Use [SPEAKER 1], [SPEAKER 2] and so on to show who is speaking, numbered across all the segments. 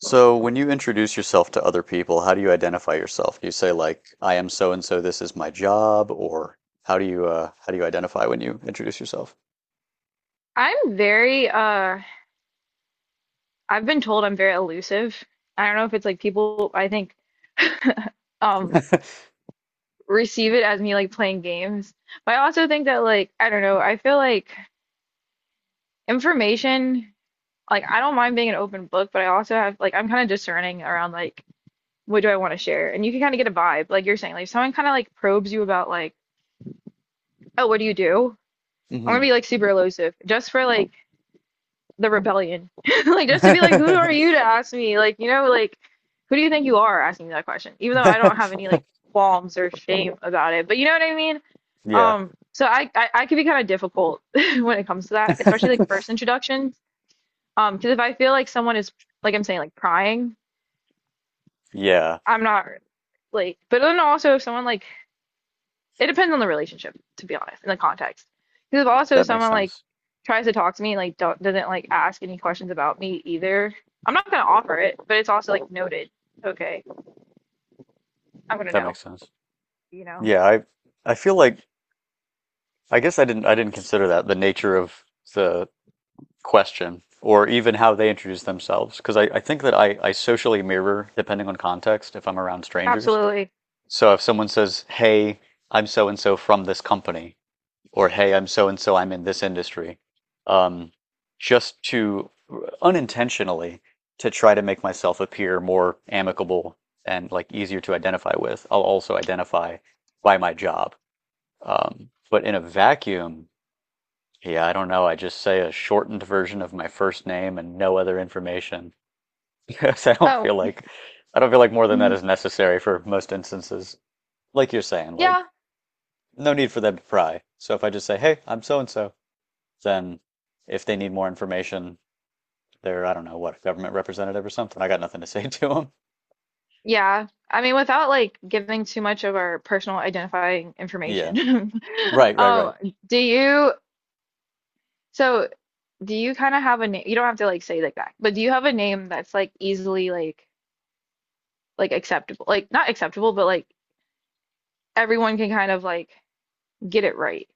[SPEAKER 1] So, when you introduce yourself to other people, how do you identify yourself? Do you say like, "I am so and so. This is my job," or how do you identify when you introduce yourself?
[SPEAKER 2] I'm very I've been told I'm very elusive. I don't know if it's like people I think um receive it as me like playing games. But I also think that like I don't know, I feel like information like I don't mind being an open book, but I also have like I'm kind of discerning around like what do I want to share? And you can kind of get a vibe, like you're saying, like if someone kind of like probes you about like, oh, what do you do? I'm gonna
[SPEAKER 1] Hmm.
[SPEAKER 2] be like super elusive just for like the rebellion. Like just to be like, who are you to ask me? Like, you know, like who do you think you are asking me that question? Even though I don't have any like qualms or shame about it. But you know what I mean?
[SPEAKER 1] Yeah,
[SPEAKER 2] So I could be kind of difficult when it comes to that, especially like first introductions. Because if I feel like someone is like I'm saying like prying,
[SPEAKER 1] yeah,
[SPEAKER 2] I'm not like. But then also if someone like it depends on the relationship, to be honest, in the context. Because if also
[SPEAKER 1] that makes
[SPEAKER 2] someone like
[SPEAKER 1] sense.
[SPEAKER 2] tries to talk to me, like don't, doesn't like ask any questions about me either, I'm not gonna offer it, but it's also like noted. Okay, I'm gonna
[SPEAKER 1] That
[SPEAKER 2] know,
[SPEAKER 1] makes sense.
[SPEAKER 2] you know.
[SPEAKER 1] Yeah, I feel like I guess I didn't consider that the nature of the question or even how they introduce themselves because I think that I socially mirror depending on context if I'm around strangers.
[SPEAKER 2] Absolutely.
[SPEAKER 1] So if someone says, "Hey, I'm so and so from this company," or "Hey, I'm so and so, I'm in this industry," um, just to unintentionally to try to make myself appear more amicable and like easier to identify with, I'll also identify by my job. But in a vacuum, yeah, I don't know. I just say a shortened version of my first name and no other information because I don't
[SPEAKER 2] Oh,
[SPEAKER 1] feel like I don't feel like more than that
[SPEAKER 2] mm,
[SPEAKER 1] is necessary for most instances. Like you're saying, like
[SPEAKER 2] yeah,
[SPEAKER 1] no need for them to pry. So if I just say, hey, I'm so and so, then if they need more information, they're, I don't know, what, a government representative or something. I got nothing to say to them.
[SPEAKER 2] yeah. I mean, without like giving too much of our personal identifying
[SPEAKER 1] Yeah.
[SPEAKER 2] information,
[SPEAKER 1] Right, right,
[SPEAKER 2] um,
[SPEAKER 1] right.
[SPEAKER 2] do you, so do you kind of have a name? You don't have to like say like that, but do you have a name that's like easily like acceptable? Like not acceptable, but like everyone can kind of like get it right.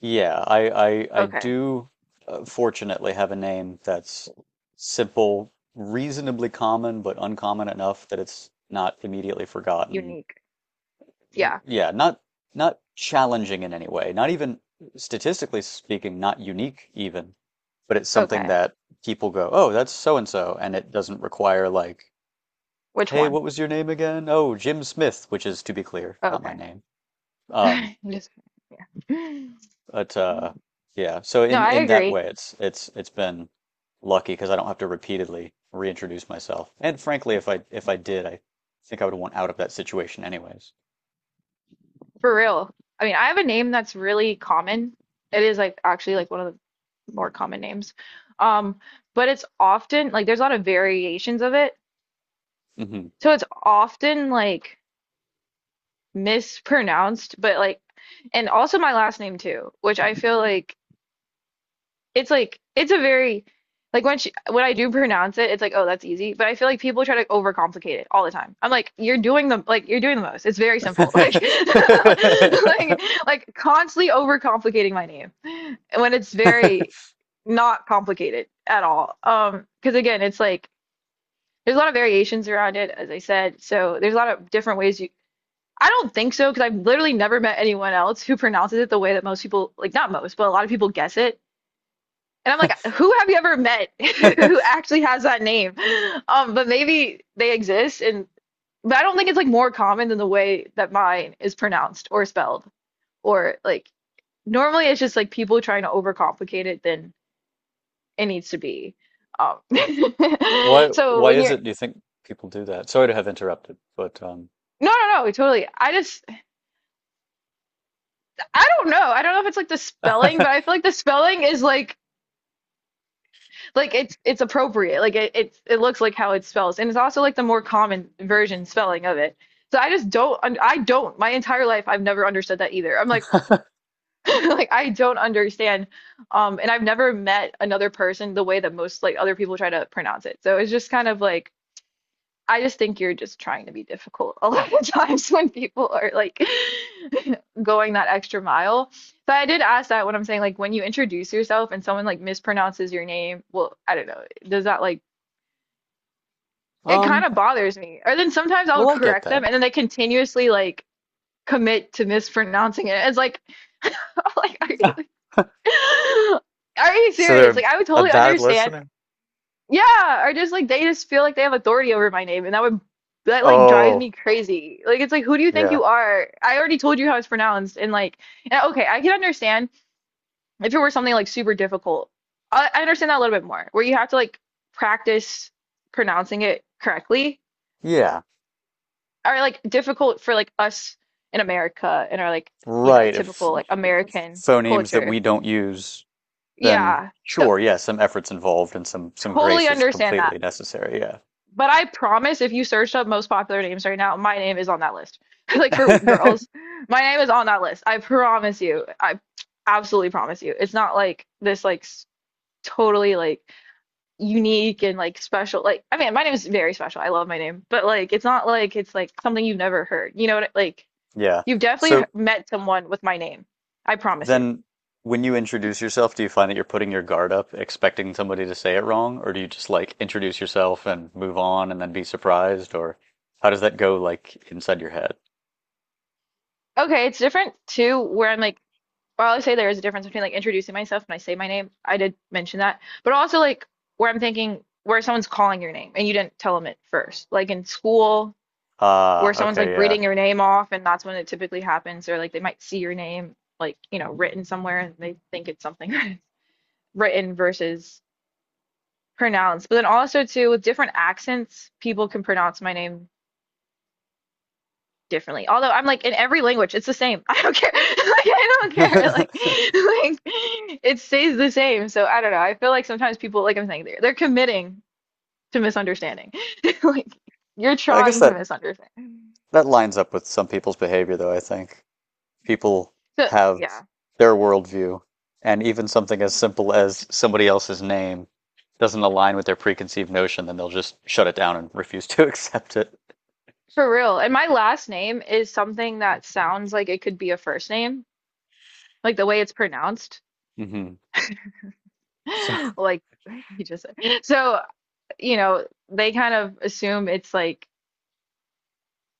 [SPEAKER 1] Yeah, I
[SPEAKER 2] Okay.
[SPEAKER 1] do fortunately have a name that's simple, reasonably common, but uncommon enough that it's not immediately forgotten.
[SPEAKER 2] Unique. Yeah.
[SPEAKER 1] Yeah, not challenging in any way, not even statistically speaking, not unique even, but it's something
[SPEAKER 2] Okay.
[SPEAKER 1] that people go, "Oh, that's so and so," and it doesn't require like,
[SPEAKER 2] Which
[SPEAKER 1] "Hey,
[SPEAKER 2] one?
[SPEAKER 1] what was your name again?" "Oh, Jim Smith," which is to be clear, not my
[SPEAKER 2] Okay.
[SPEAKER 1] name. Um,
[SPEAKER 2] Just
[SPEAKER 1] but yeah, so
[SPEAKER 2] no,
[SPEAKER 1] in
[SPEAKER 2] I
[SPEAKER 1] in that
[SPEAKER 2] agree.
[SPEAKER 1] way, it's been lucky because I don't have to repeatedly reintroduce myself. And frankly, if I did, I think I would want out of that situation anyways.
[SPEAKER 2] For real. I mean, I have a name that's really common. It is like actually like one of the more common names. Um, but it's often like there's a lot of variations of it.
[SPEAKER 1] Hmm.
[SPEAKER 2] So it's often like mispronounced, but like and also my last name too, which I feel like it's a very like when she, when I do pronounce it, it's like, oh, that's easy. But I feel like people try to overcomplicate it all the time. I'm like, you're doing the like you're doing the most. It's very simple. Like like like constantly overcomplicating my name when it's very not complicated at all. Because again, it's like there's a lot of variations around it, as I said. So there's a lot of different ways you. I don't think so because I've literally never met anyone else who pronounces it the way that most people like not most, but a lot of people guess it. And I'm like, who have you ever met who actually has that name? But maybe they exist and but I don't think it's like more common than the way that mine is pronounced or spelled or like normally it's just like people trying to overcomplicate it than it needs to be. Um,
[SPEAKER 1] Why
[SPEAKER 2] so
[SPEAKER 1] why
[SPEAKER 2] when
[SPEAKER 1] is
[SPEAKER 2] you're
[SPEAKER 1] it do you think people do that? Sorry to have interrupted, but
[SPEAKER 2] no, no, no, totally. I just I don't know. I don't know if it's like the spelling, but I feel like the spelling is like. Like it's appropriate. Like it it's, it looks like how it spells, and it's also like the more common version spelling of it. So I just don't I don't my entire life I've never understood that either. I'm like like I don't understand, and I've never met another person the way that most like other people try to pronounce it. So it's just kind of like I just think you're just trying to be difficult a lot of times when people are like going that extra mile. So I did ask that when I'm saying like when you introduce yourself and someone like mispronounces your name, well, I don't know, does that like it kind
[SPEAKER 1] um
[SPEAKER 2] of bothers me. Or then sometimes I'll
[SPEAKER 1] well I get
[SPEAKER 2] correct
[SPEAKER 1] that.
[SPEAKER 2] them, and then they continuously like commit to mispronouncing it. It's like, like, are you, are you
[SPEAKER 1] So they're
[SPEAKER 2] serious?
[SPEAKER 1] a,
[SPEAKER 2] Like, I would
[SPEAKER 1] a
[SPEAKER 2] totally
[SPEAKER 1] bad
[SPEAKER 2] understand.
[SPEAKER 1] listener?
[SPEAKER 2] Yeah, or just like they just feel like they have authority over my name, and that would that like drives
[SPEAKER 1] Oh,
[SPEAKER 2] me crazy. Like, it's like, who do you think
[SPEAKER 1] yeah.
[SPEAKER 2] you are? I already told you how it's pronounced, and like, and, okay, I can understand if it were something like super difficult. I understand that a little bit more, where you have to like practice pronouncing it correctly
[SPEAKER 1] Yeah.
[SPEAKER 2] are like difficult for like us in America and our like, you know,
[SPEAKER 1] Right. If
[SPEAKER 2] typical like American
[SPEAKER 1] phonemes that
[SPEAKER 2] culture.
[SPEAKER 1] we don't use, then
[SPEAKER 2] Yeah. So
[SPEAKER 1] sure, yeah, some effort's involved and some
[SPEAKER 2] totally
[SPEAKER 1] grace is
[SPEAKER 2] understand that.
[SPEAKER 1] completely necessary,
[SPEAKER 2] But I promise if you search up most popular names right now, my name is on that list. Like for
[SPEAKER 1] yeah.
[SPEAKER 2] girls, my name is on that list. I promise you. I absolutely promise you. It's not like this like s- totally like unique and like special. Like I mean, my name is very special. I love my name, but like it's not like it's like something you've never heard. You know what I- like
[SPEAKER 1] Yeah.
[SPEAKER 2] you've definitely
[SPEAKER 1] So
[SPEAKER 2] met someone with my name. I promise you.
[SPEAKER 1] Then, when you introduce yourself, do you find that you're putting your guard up, expecting somebody to say it wrong, or do you just like introduce yourself and move on and then be surprised, or how does that go like inside your head?
[SPEAKER 2] Okay, it's different too, where I'm like, while I say there is a difference between like introducing myself when I say my name. I did mention that, but also like where I'm thinking where someone's calling your name and you didn't tell them it first. Like in school, where
[SPEAKER 1] Ah,
[SPEAKER 2] someone's like
[SPEAKER 1] okay, yeah.
[SPEAKER 2] reading your name off, and that's when it typically happens, or like they might see your name like, you know, written somewhere and they think it's something written versus pronounced. But then also too, with different accents, people can pronounce my name differently. Although I'm like in every language, it's the same. I don't care. Like I don't care. Like it stays the same. So I don't know. I feel like sometimes people, like I'm saying, they're committing to misunderstanding. Like you're
[SPEAKER 1] I guess
[SPEAKER 2] trying to
[SPEAKER 1] that
[SPEAKER 2] misunderstand.
[SPEAKER 1] that lines up with some people's behavior, though, I think. People
[SPEAKER 2] So
[SPEAKER 1] have
[SPEAKER 2] yeah,
[SPEAKER 1] their worldview, and even something as simple as somebody else's name doesn't align with their preconceived notion, then they'll just shut it down and refuse to accept it.
[SPEAKER 2] for real. And my last name is something that sounds like it could be a first name, like the way it's pronounced.
[SPEAKER 1] Hmm. So
[SPEAKER 2] Like you just said. So, you know, they kind of assume it's like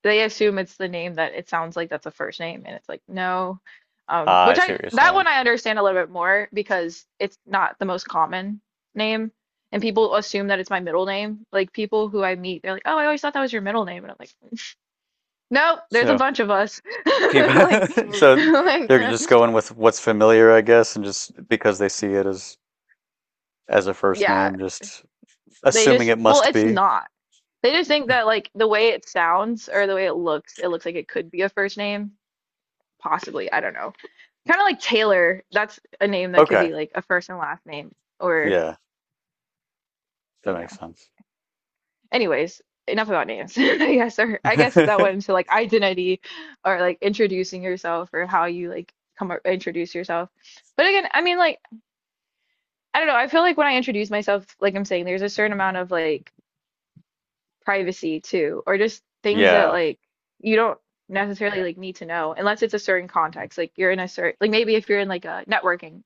[SPEAKER 2] they assume it's the name that it sounds like that's a first name and it's like no,
[SPEAKER 1] Ah, I
[SPEAKER 2] which
[SPEAKER 1] see
[SPEAKER 2] I
[SPEAKER 1] what you're
[SPEAKER 2] that
[SPEAKER 1] saying.
[SPEAKER 2] one I understand a little bit more because it's not the most common name, and people assume that it's my middle name, like people who I meet they're like oh I always thought that was your middle name and I'm like nope there's a
[SPEAKER 1] So
[SPEAKER 2] bunch of us
[SPEAKER 1] people,
[SPEAKER 2] like
[SPEAKER 1] so
[SPEAKER 2] like
[SPEAKER 1] they're just going with what's familiar, I guess, and just because they see it as a first
[SPEAKER 2] yeah
[SPEAKER 1] name, just
[SPEAKER 2] they
[SPEAKER 1] assuming
[SPEAKER 2] just
[SPEAKER 1] it
[SPEAKER 2] well
[SPEAKER 1] must
[SPEAKER 2] it's
[SPEAKER 1] be.
[SPEAKER 2] not they just think that like the way it sounds or the way it looks like it could be a first name possibly I don't know. Kind of like Taylor. That's a name that could
[SPEAKER 1] Okay.
[SPEAKER 2] be like a first and last name, or
[SPEAKER 1] Yeah, that
[SPEAKER 2] you
[SPEAKER 1] makes
[SPEAKER 2] know.
[SPEAKER 1] sense.
[SPEAKER 2] Anyways, enough about names. I guess, or I guess that went into like identity, or like introducing yourself, or how you like come up, introduce yourself. But again, I mean, like I don't know. I feel like when I introduce myself, like I'm saying, there's a certain amount of like privacy too, or just things that
[SPEAKER 1] Yeah.
[SPEAKER 2] like you don't necessarily like need to know unless it's a certain context. Like you're in a certain like maybe if you're in like a networking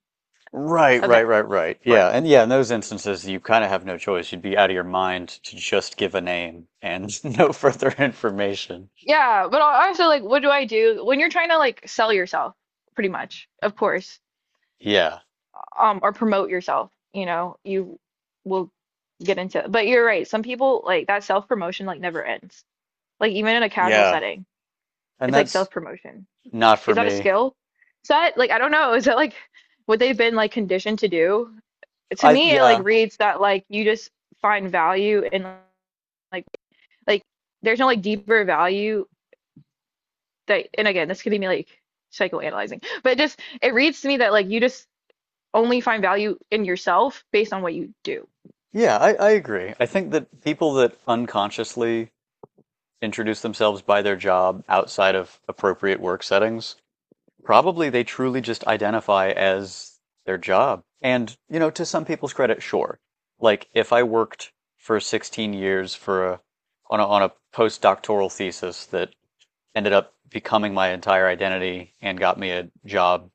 [SPEAKER 1] Right, right,
[SPEAKER 2] event,
[SPEAKER 1] right, right.
[SPEAKER 2] of
[SPEAKER 1] Yeah.
[SPEAKER 2] course.
[SPEAKER 1] And yeah, in those instances, you kind of have no choice. You'd be out of your mind to just give a name and no further information.
[SPEAKER 2] Yeah, but al- also like what do I do when you're trying to like sell yourself, pretty much, of course,
[SPEAKER 1] Yeah.
[SPEAKER 2] or promote yourself, you know, you will get into. But you're right, some people like that self-promotion like never ends. Like even in a casual
[SPEAKER 1] Yeah.
[SPEAKER 2] setting,
[SPEAKER 1] And
[SPEAKER 2] it's like
[SPEAKER 1] that's
[SPEAKER 2] self-promotion.
[SPEAKER 1] not
[SPEAKER 2] Is
[SPEAKER 1] for
[SPEAKER 2] that a
[SPEAKER 1] me.
[SPEAKER 2] skill set? Like I don't know. Is that like what they've been like conditioned to do? To
[SPEAKER 1] I
[SPEAKER 2] me, it like
[SPEAKER 1] yeah,
[SPEAKER 2] reads that like you just find value in like like there's no like deeper value that and again this could be me like psychoanalyzing but just it reads to me that like you just only find value in yourself based on what you do.
[SPEAKER 1] yeah, I agree. I think that people that unconsciously introduce themselves by their job outside of appropriate work settings, probably they truly just identify as their job. And, to some people's credit, sure. Like if I worked for 16 years for a on a on a postdoctoral thesis that ended up becoming my entire identity and got me a job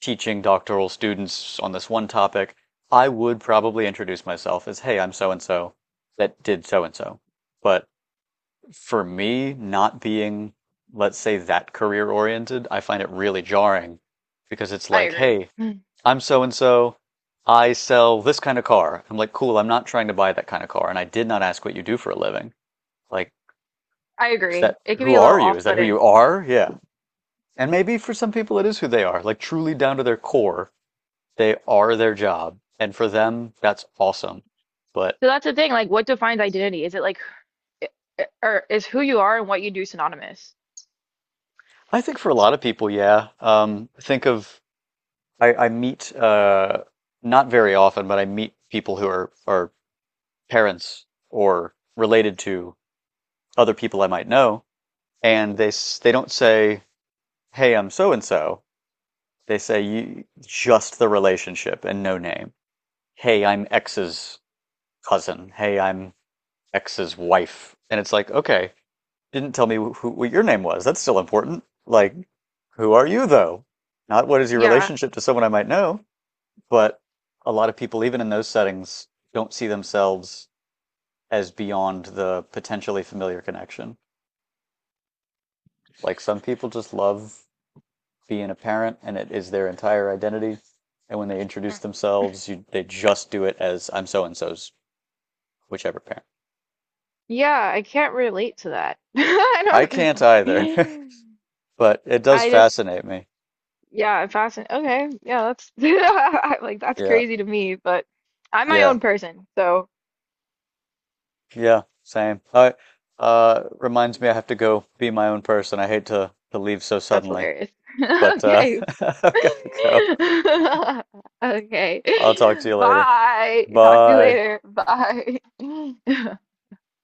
[SPEAKER 1] teaching doctoral students on this one topic, I would probably introduce myself as, hey, I'm so and so that did so and so. But for me, not being, let's say, that career oriented, I find it really jarring because it's
[SPEAKER 2] I
[SPEAKER 1] like,
[SPEAKER 2] agree.
[SPEAKER 1] hey,
[SPEAKER 2] Mm.
[SPEAKER 1] I'm so and so. I sell this kind of car. I'm like, cool, I'm not trying to buy that kind of car. And I did not ask what you do for a living. Like,
[SPEAKER 2] I
[SPEAKER 1] is
[SPEAKER 2] agree.
[SPEAKER 1] that
[SPEAKER 2] It can
[SPEAKER 1] who
[SPEAKER 2] be a little
[SPEAKER 1] are you? Is that who you
[SPEAKER 2] off-putting.
[SPEAKER 1] are? Yeah. And maybe for some people it is who they are, like truly down to their core. They are their job. And for them, that's awesome. But
[SPEAKER 2] So that's the thing, like what defines identity? Is it like eh, eh, or is who you are and what you do synonymous?
[SPEAKER 1] I think for a lot of people, yeah. Think of, I meet, not very often, but I meet people who are parents or related to other people I might know. And they don't say, hey, I'm so and so. They say just the relationship and no name. Hey, I'm X's cousin. Hey, I'm X's wife. And it's like, okay, didn't tell me who, what your name was. That's still important. Like, who are you though? Not what is your
[SPEAKER 2] Yeah.
[SPEAKER 1] relationship to someone I might know, but a lot of people, even in those settings, don't see themselves as beyond the potentially familiar connection. Like some people just love being a parent and it is their entire identity. And when they introduce themselves, they just do it as I'm so and so's whichever parent.
[SPEAKER 2] Yeah, I can't relate to that. I
[SPEAKER 1] I
[SPEAKER 2] don't
[SPEAKER 1] can't either,
[SPEAKER 2] know.
[SPEAKER 1] but it does
[SPEAKER 2] I just,
[SPEAKER 1] fascinate me.
[SPEAKER 2] yeah, I'm fascinated. Okay, yeah, that's I- like that's
[SPEAKER 1] Yeah.
[SPEAKER 2] crazy to me, but I'm my
[SPEAKER 1] Yeah.
[SPEAKER 2] own person, so
[SPEAKER 1] Yeah, same. Reminds me I have to go be my own person. I hate to leave so
[SPEAKER 2] that's
[SPEAKER 1] suddenly,
[SPEAKER 2] hilarious.
[SPEAKER 1] but
[SPEAKER 2] Okay.
[SPEAKER 1] I've got to go.
[SPEAKER 2] Okay.
[SPEAKER 1] I'll talk to you later.
[SPEAKER 2] Bye. Talk to you
[SPEAKER 1] Bye.
[SPEAKER 2] later. Bye.